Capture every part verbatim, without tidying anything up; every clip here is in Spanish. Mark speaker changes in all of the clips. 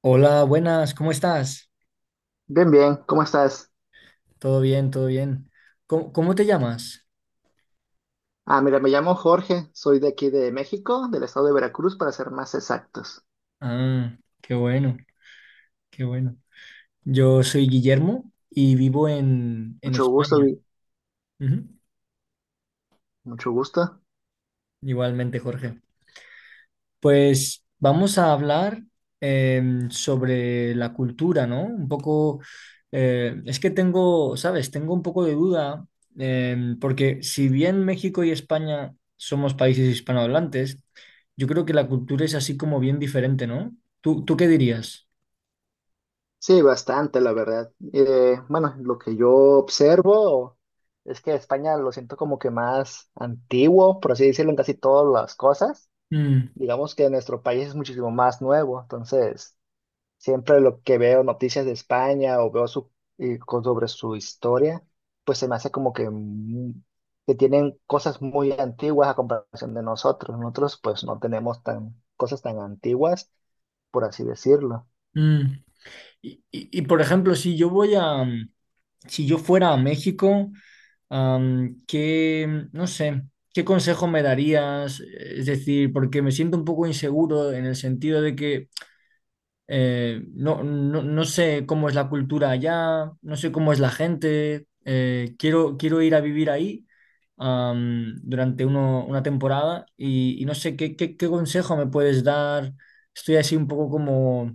Speaker 1: Hola, buenas, ¿cómo estás?
Speaker 2: Bien, bien, ¿cómo estás?
Speaker 1: Todo bien, todo bien. ¿Cómo, cómo te llamas?
Speaker 2: Ah, mira, me llamo Jorge, soy de aquí de México, del estado de Veracruz, para ser más exactos.
Speaker 1: Ah, qué bueno, qué bueno. Yo soy Guillermo y vivo en, en
Speaker 2: Mucho gusto,
Speaker 1: España.
Speaker 2: Vi.
Speaker 1: Ujú.
Speaker 2: Mucho gusto.
Speaker 1: Igualmente, Jorge. Pues vamos a hablar em, sobre la cultura, ¿no? Un poco, eh, es que tengo, ¿sabes? Tengo un poco de duda, em, porque si bien México y España somos países hispanohablantes, yo creo que la cultura es así como bien diferente, ¿no? ¿Tú, tú qué dirías?
Speaker 2: Sí, bastante, la verdad. Eh, bueno, lo que yo observo es que España lo siento como que más antiguo, por así decirlo, en casi todas las cosas.
Speaker 1: Mm.
Speaker 2: Digamos que nuestro país es muchísimo más nuevo, entonces siempre lo que veo noticias de España o veo su, eh, co- sobre su historia, pues se me hace como que, mu- que tienen cosas muy antiguas a comparación de nosotros. Nosotros pues no tenemos tan, cosas tan antiguas, por así decirlo.
Speaker 1: Mm. Y, y- y, por ejemplo, si yo voy a, si yo fuera a México, Am, ¿qué, no sé, qué consejo me darías? Es decir, porque me siento un poco inseguro en el sentido de que eh, no, no, no sé cómo es la cultura allá, no sé cómo es la gente, eh, quiero, quiero ir a vivir ahí am, durante uno- una temporada y, y no sé qué, qué, qué consejo me puedes dar. Estoy así un poco como,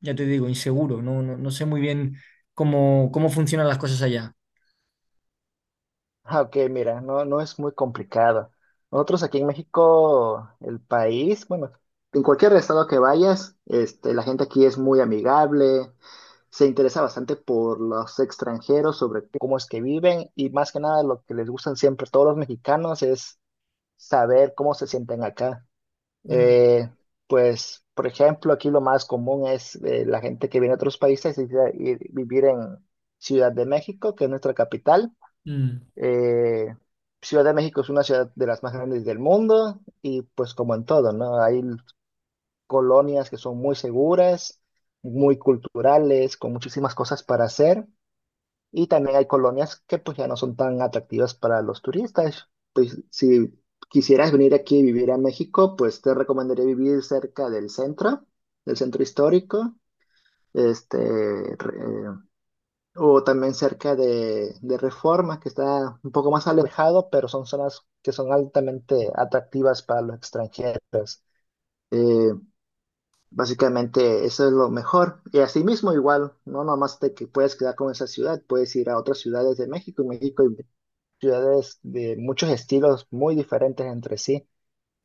Speaker 1: ya te digo, inseguro, no, no, no sé muy bien cómo, cómo funcionan las cosas allá.
Speaker 2: Ah, ok, mira, no, no es muy complicado. Nosotros aquí en México, el país, bueno, en cualquier estado que vayas, este, la gente aquí es muy amigable, se interesa bastante por los extranjeros, sobre cómo es que viven, y más que nada lo que les gustan siempre todos los mexicanos es saber cómo se sienten acá.
Speaker 1: Mm.
Speaker 2: Eh, pues, por ejemplo, aquí lo más común es eh, la gente que viene de otros países y, y vivir en Ciudad de México, que es nuestra capital.
Speaker 1: Mm.
Speaker 2: eh, Ciudad de México es una ciudad de las más grandes del mundo, y pues como en todo, ¿no? Hay colonias que son muy seguras, muy culturales, con muchísimas cosas para hacer, y también hay colonias que pues ya no son tan atractivas para los turistas. Pues si quisieras venir aquí y vivir a México, pues te recomendaría vivir cerca del centro, del centro histórico. Este, eh, o también cerca de, de Reforma, que está un poco más alejado, pero son zonas que son altamente atractivas para los extranjeros. Eh, básicamente eso es lo mejor. Y asimismo igual, no nomás de que puedes quedar con esa ciudad, puedes ir a otras ciudades de México. En México hay ciudades de muchos estilos muy diferentes entre sí.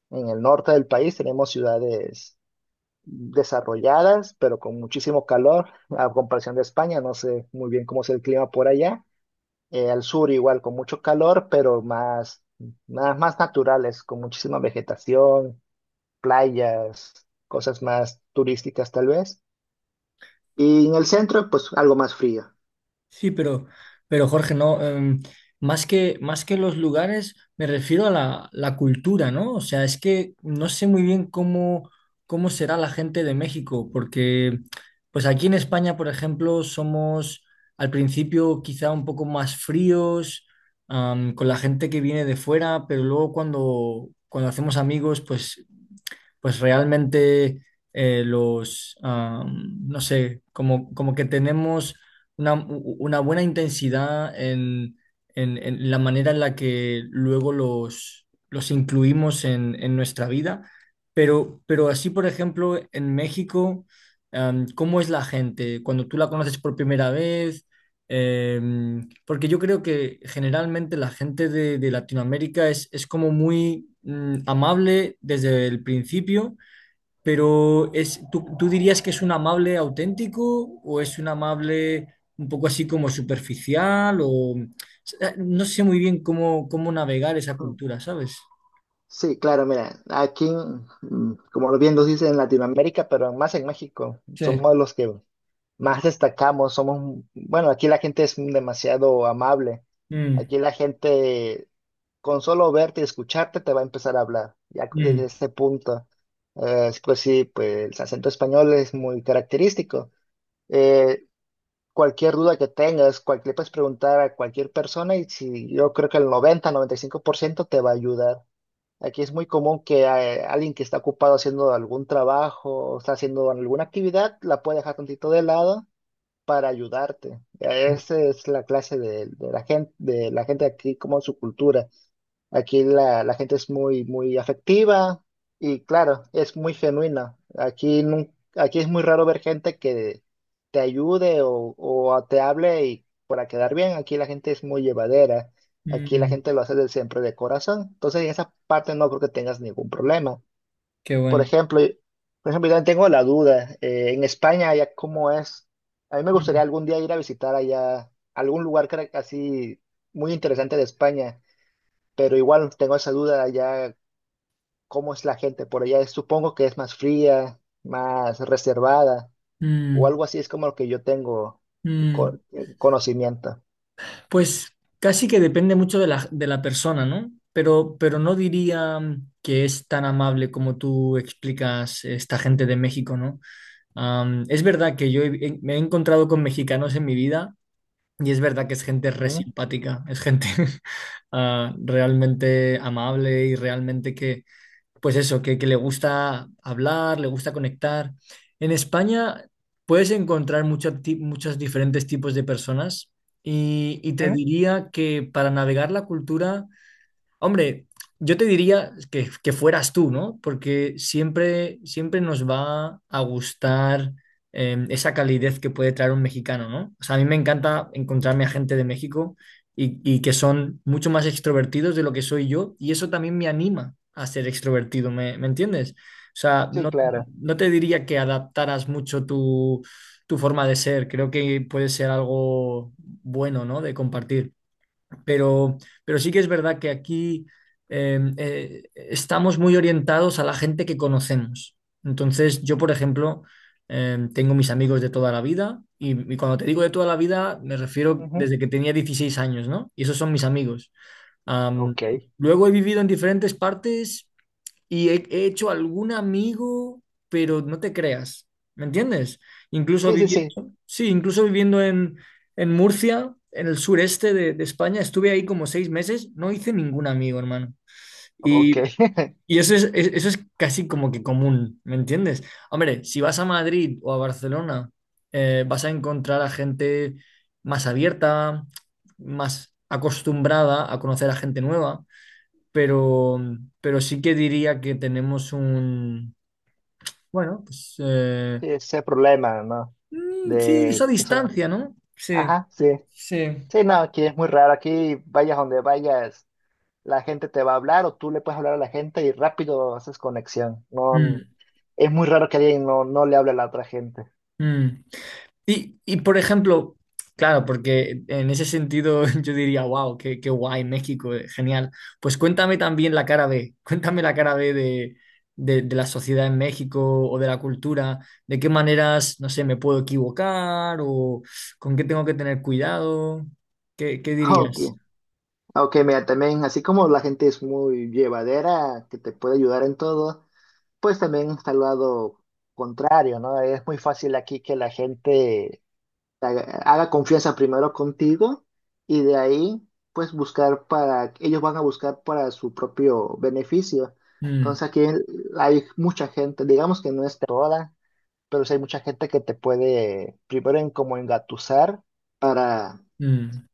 Speaker 2: En el norte del país tenemos ciudades desarrolladas, pero con muchísimo calor, a comparación de España. No sé muy bien cómo es el clima por allá. Eh, al sur igual, con mucho calor, pero más, más, más naturales, con muchísima vegetación, playas, cosas más turísticas tal vez. Y en el centro, pues algo más frío.
Speaker 1: Sí, pero, pero Jorge, no, em, más que, más que los lugares, me refiero a la, la cultura, ¿no? O sea, es que no sé muy bien cómo, cómo será la gente de México, porque pues aquí en España, por ejemplo, somos al principio quizá un poco más fríos, am, con la gente que viene de fuera, pero luego cuando, cuando hacemos amigos, pues pues realmente eh, los, am, no sé, como, como que tenemos una, u- una buena intensidad en, en- en la manera en la que luego los, los incluimos en, en nuestra vida, pero, pero así, por ejemplo, en México, am, ¿cómo es la gente? Cuando tú la conoces por primera vez, Em, porque yo creo que generalmente la gente de, de Latinoamérica es, es como muy mm, amable desde el principio, pero es, ¿tú, tú dirías que es un amable auténtico o es un amable un poco así como superficial o eh, no sé muy bien cómo, cómo navegar esa
Speaker 2: Ujú.
Speaker 1: cultura, ¿sabes?
Speaker 2: Sí, claro, mira, aquí, mm, como bien nos dicen en Latinoamérica, pero más en México,
Speaker 1: Sí.
Speaker 2: somos los que más destacamos, somos, bueno, aquí la gente es demasiado amable.
Speaker 1: Mm,
Speaker 2: Aquí la gente con solo verte y escucharte te va a empezar a hablar, ya desde
Speaker 1: mm,
Speaker 2: ese punto. Eh, pues sí, pues el acento español es muy característico. Eh, cualquier duda que tengas, cualquier, le puedes preguntar a cualquier persona y si, yo creo que el noventa noventa y cinco por ciento te va a ayudar. Aquí es muy común que eh, alguien que está ocupado haciendo algún trabajo o está haciendo alguna actividad la puede dejar tantito de lado para ayudarte. Esa es la clase de, de la gente, de la gente aquí, como su cultura. Aquí la, la gente es muy, muy afectiva, y claro, es muy genuina. Aquí, nun- aquí es muy raro ver gente que te ayude, o, o te hable y para quedar bien. Aquí la gente es muy llevadera. Aquí la
Speaker 1: mm,
Speaker 2: gente lo hace de siempre de corazón. Entonces, en esa parte no creo que tengas ningún problema.
Speaker 1: qué
Speaker 2: Por
Speaker 1: bueno.
Speaker 2: ejemplo, y- por ejemplo, yo también tengo la duda. Eh, en España, allá cómo es. A mí me gustaría
Speaker 1: Mm,
Speaker 2: algún día ir a visitar allá algún lugar que era así muy interesante de España, pero igual tengo esa duda allá, ¿cómo es la gente por allá? Supongo que es más fría, más reservada, o
Speaker 1: mm,
Speaker 2: algo así es como lo que yo tengo co-
Speaker 1: mm.
Speaker 2: eh, conocimiento.
Speaker 1: Pues casi que depende mucho de la, de la persona, ¿no? Pero, pero no diría mm, que es tan amable como tú explicas esta gente de México, ¿no? Am, es verdad que yo he- he- me he encontrado con mexicanos en mi vida y es verdad que es gente re
Speaker 2: Ujú,
Speaker 1: simpática, es gente ah, realmente amable y realmente que, pues eso, que, que le gusta hablar, le gusta conectar. En España puedes encontrar muchos ti- muchos diferentes tipos de personas y, y te
Speaker 2: ujú.
Speaker 1: diría que para navegar la cultura. Hombre, yo te diría que, que fueras tú, ¿no? Porque siempre, siempre nos va a gustar eh, esa calidez que puede traer un mexicano, ¿no? O sea, a mí me encanta encontrarme a gente de México y, y que son mucho más extrovertidos de lo que soy yo y eso también me anima a ser extrovertido, ¿me, me entiendes? O sea,
Speaker 2: Sí,
Speaker 1: no,
Speaker 2: claro.
Speaker 1: no te diría que adaptaras mucho tu, tu forma de ser, creo que puede ser algo bueno, ¿no? De compartir. Pero, pero sí que es verdad que aquí eh, eh, estamos muy orientados a la gente que conocemos. Entonces, yo, por ejemplo, eh, tengo mis amigos de toda la vida y, y cuando te digo de toda la vida, me refiero
Speaker 2: Ujú.
Speaker 1: desde que tenía dieciséis años, ¿no? Y esos son mis amigos. Am,
Speaker 2: Ok.
Speaker 1: luego he vivido en diferentes partes y he, he hecho algún amigo, pero no te creas, ¿me entiendes? Incluso
Speaker 2: Sí, sí,
Speaker 1: viviendo,
Speaker 2: sí.
Speaker 1: sí, incluso viviendo en, en Murcia, en el sureste de, de España, estuve ahí como seis meses, no hice ningún amigo, hermano.
Speaker 2: Ok.
Speaker 1: Y, y eso es, es- eso es casi como que común, ¿me entiendes? Hombre, si vas a Madrid o a Barcelona, eh, vas a encontrar a gente más abierta, más acostumbrada a conocer a gente nueva, pero, pero sí que diría que tenemos un, bueno, pues eh,
Speaker 2: Sí, ese problema, ¿no?
Speaker 1: mm, sí,
Speaker 2: De
Speaker 1: esa
Speaker 2: eso.
Speaker 1: distancia, ¿no? Sí,
Speaker 2: Ajá, sí.
Speaker 1: sí.
Speaker 2: Sí, no, aquí es muy raro. Aquí vayas donde vayas, la gente te va a hablar o tú le puedes hablar a la gente y rápido haces conexión.
Speaker 1: Mm,
Speaker 2: No, es muy raro que alguien no, no le hable a la otra gente.
Speaker 1: mm. Y, y, por ejemplo, claro, porque en ese sentido yo diría, wow, qué, qué guay México, eh, genial. Pues cuéntame también la cara B, cuéntame la cara B de, de, de la sociedad en México o de la cultura, de qué maneras, no sé, me puedo equivocar o con qué tengo que tener cuidado, ¿qué, qué
Speaker 2: Ok,
Speaker 1: dirías?
Speaker 2: ok, mira, también así como la gente es muy llevadera, que te puede ayudar en todo, pues también está el lado contrario, ¿no? Es muy fácil aquí que la gente te haga haga confianza primero contigo y de ahí pues buscar para, ellos van a buscar para su propio beneficio.
Speaker 1: Mm,
Speaker 2: Entonces aquí hay mucha gente, digamos que no es toda, pero sí hay mucha gente que te puede primero en como engatusar para
Speaker 1: mm,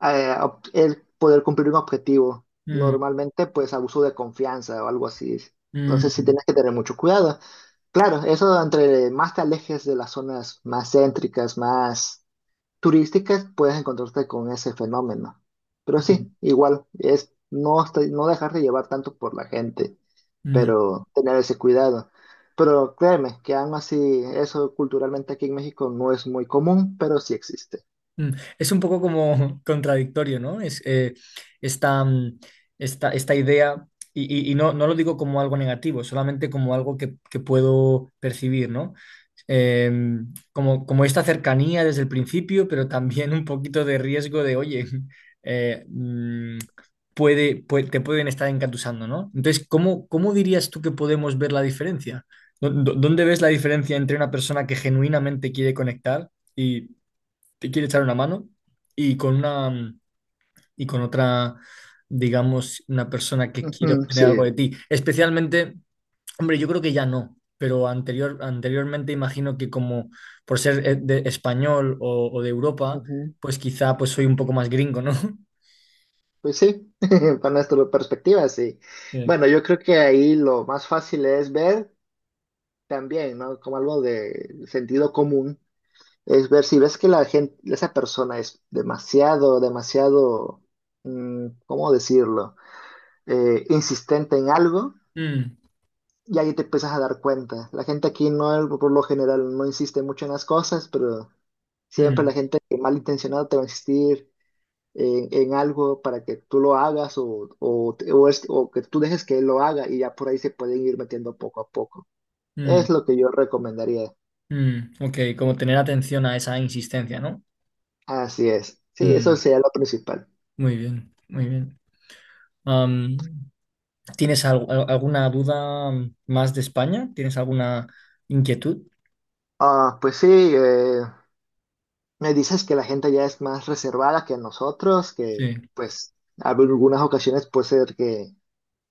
Speaker 2: eh, ob- el poder cumplir un objetivo.
Speaker 1: mm,
Speaker 2: Normalmente, pues abuso de confianza o algo así. Entonces sí
Speaker 1: mm,
Speaker 2: tienes que tener mucho cuidado. Claro, eso entre más te alejes de las zonas más céntricas, más turísticas, puedes encontrarte con ese fenómeno. Pero
Speaker 1: mm,
Speaker 2: sí, igual, es no, estar- no dejarte llevar tanto por la gente,
Speaker 1: mm,
Speaker 2: pero tener ese cuidado. Pero créeme que aún así eso culturalmente aquí en México no es muy común, pero sí existe.
Speaker 1: mm. Es un poco como contradictorio, ¿no? Es, eh, esta, mm, esta, esta idea, y, y- y no, no lo digo como algo negativo, solamente como algo que, que puedo percibir, ¿no? eh, como, como esta cercanía desde el principio, pero también un poquito de riesgo de, oye, eh, mm, puede, pue- te pueden estar encatusando, ¿no? Entonces, ¿cómo, cómo dirías tú que podemos ver la diferencia? ¿Dó- dó- ¿Dónde ves la diferencia entre una persona que genuinamente quiere conectar y te quiere echar una mano y con una mm, y con otra, digamos, una persona que quiere
Speaker 2: Ujú,
Speaker 1: obtener
Speaker 2: sí,
Speaker 1: algo de ti? Especialmente hombre, yo creo que ya no, pero anterior, anteriormente imagino que como por ser eh, de español o, o de Europa,
Speaker 2: ujú.
Speaker 1: pues quizá pues soy un poco más gringo, ¿no?
Speaker 2: Pues sí, para nuestra perspectiva, sí.
Speaker 1: Sí.
Speaker 2: Bueno, yo creo que ahí lo más fácil es ver también, ¿no? Como algo de sentido común, es ver si ves que la gente, esa persona es demasiado, demasiado, mm, ¿cómo decirlo? Eh, insistente en algo.
Speaker 1: Mm,
Speaker 2: Y ahí te empiezas a dar cuenta. La gente aquí no, por lo general, no insiste mucho en las cosas, pero siempre
Speaker 1: mm,
Speaker 2: la gente malintencionada te va a insistir en, en algo para que tú lo hagas o, o, te- o es- o que tú dejes que él lo haga y ya por ahí se pueden ir metiendo poco a poco. Es
Speaker 1: mm,
Speaker 2: lo que yo recomendaría.
Speaker 1: mm. Ok, como tener atención a esa insistencia, ¿no?
Speaker 2: Así es. Sí, eso
Speaker 1: Mm,
Speaker 2: sería lo principal.
Speaker 1: muy bien, muy bien. Am, ¿tienes al- al- alguna duda más de España? ¿Tienes alguna inquietud?
Speaker 2: Ah, pues sí, eh, me dices que la gente ya es más reservada que nosotros, que
Speaker 1: Sí,
Speaker 2: pues en algunas ocasiones puede ser que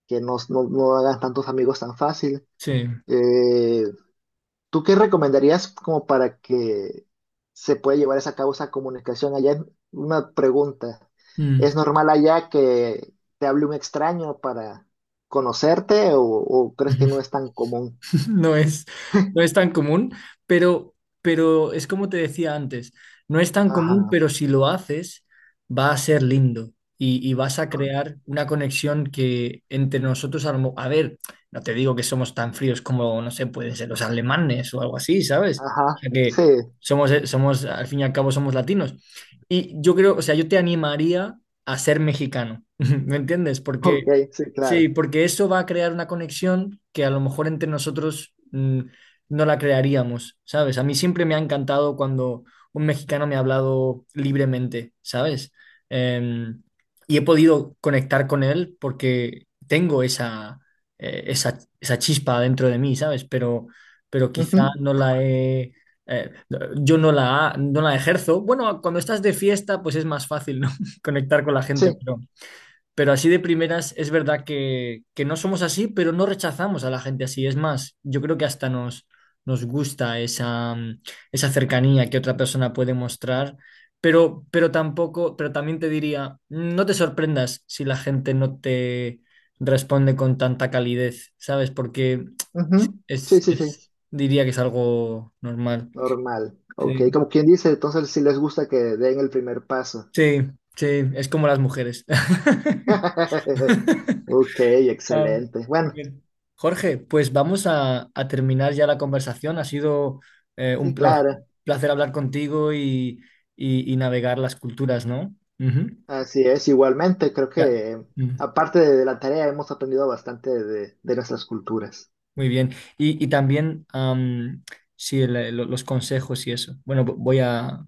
Speaker 2: que no, no, no hagas tantos amigos tan fácil.
Speaker 1: sí.
Speaker 2: Eh, ¿tú qué recomendarías como para que se pueda llevar esa causa comunicación allá? En- Una pregunta.
Speaker 1: Mm.
Speaker 2: ¿Es normal allá que te hable un extraño para conocerte, o, o crees que no es tan común?
Speaker 1: No es, no es tan común, pero, pero es como te decía antes, no es tan común,
Speaker 2: Ajá,
Speaker 1: pero si lo haces, va a ser lindo y, y vas a crear una conexión que entre nosotros, a, lo mo- a ver, no te digo que somos tan fríos como, no sé, pueden ser los alemanes o algo así, ¿sabes? O
Speaker 2: ajá,
Speaker 1: sea que
Speaker 2: sí,
Speaker 1: somos, eh, somos, al fin y al cabo, somos latinos. Y yo creo, o sea, yo te animaría a ser mexicano, ¿me entiendes?
Speaker 2: ok,
Speaker 1: Porque
Speaker 2: sí,
Speaker 1: sí,
Speaker 2: claro.
Speaker 1: porque eso va a crear una conexión que a lo mejor entre nosotros mm, no la crearíamos, ¿sabes? A mí siempre me ha encantado cuando un mexicano me ha hablado libremente, ¿sabes? Em, y he podido conectar con él porque tengo esa, eh, esa, esa chispa dentro de mí, ¿sabes? Pero, pero
Speaker 2: Ujú,
Speaker 1: quizá no la he... eh, yo no la, no la ejerzo. Bueno, cuando estás de fiesta, pues es más fácil, ¿no? Conectar con la gente,
Speaker 2: sí,
Speaker 1: pero así de primeras es verdad que, que no somos así, pero no rechazamos a la gente así. Es más, yo creo que hasta nos, nos gusta esa, mm, esa cercanía que otra persona puede mostrar, pero, pero tampoco, pero también te diría, no te sorprendas si la gente no te responde con tanta calidez, ¿sabes? Porque
Speaker 2: ujú,
Speaker 1: es,
Speaker 2: sí, sí, sí,
Speaker 1: es- diría que es algo normal.
Speaker 2: normal. Ok,
Speaker 1: Sí,
Speaker 2: como quien dice, entonces sí les gusta que den el primer paso.
Speaker 1: sí, sí, es como las mujeres.
Speaker 2: Ok,
Speaker 1: Ah,
Speaker 2: excelente. Bueno,
Speaker 1: bien. Jorge, pues vamos a, a terminar ya la conversación. Ha sido eh, un
Speaker 2: sí,
Speaker 1: pla-
Speaker 2: claro,
Speaker 1: placer hablar contigo y, y- y navegar las culturas, ¿no? Ujú.
Speaker 2: así es. Igualmente, creo
Speaker 1: Ya.
Speaker 2: que
Speaker 1: Mm,
Speaker 2: aparte de la tarea hemos aprendido bastante de, de nuestras culturas.
Speaker 1: muy bien. Y, y también am, sí, el- el- los consejos y eso. Bueno, vo- voy a,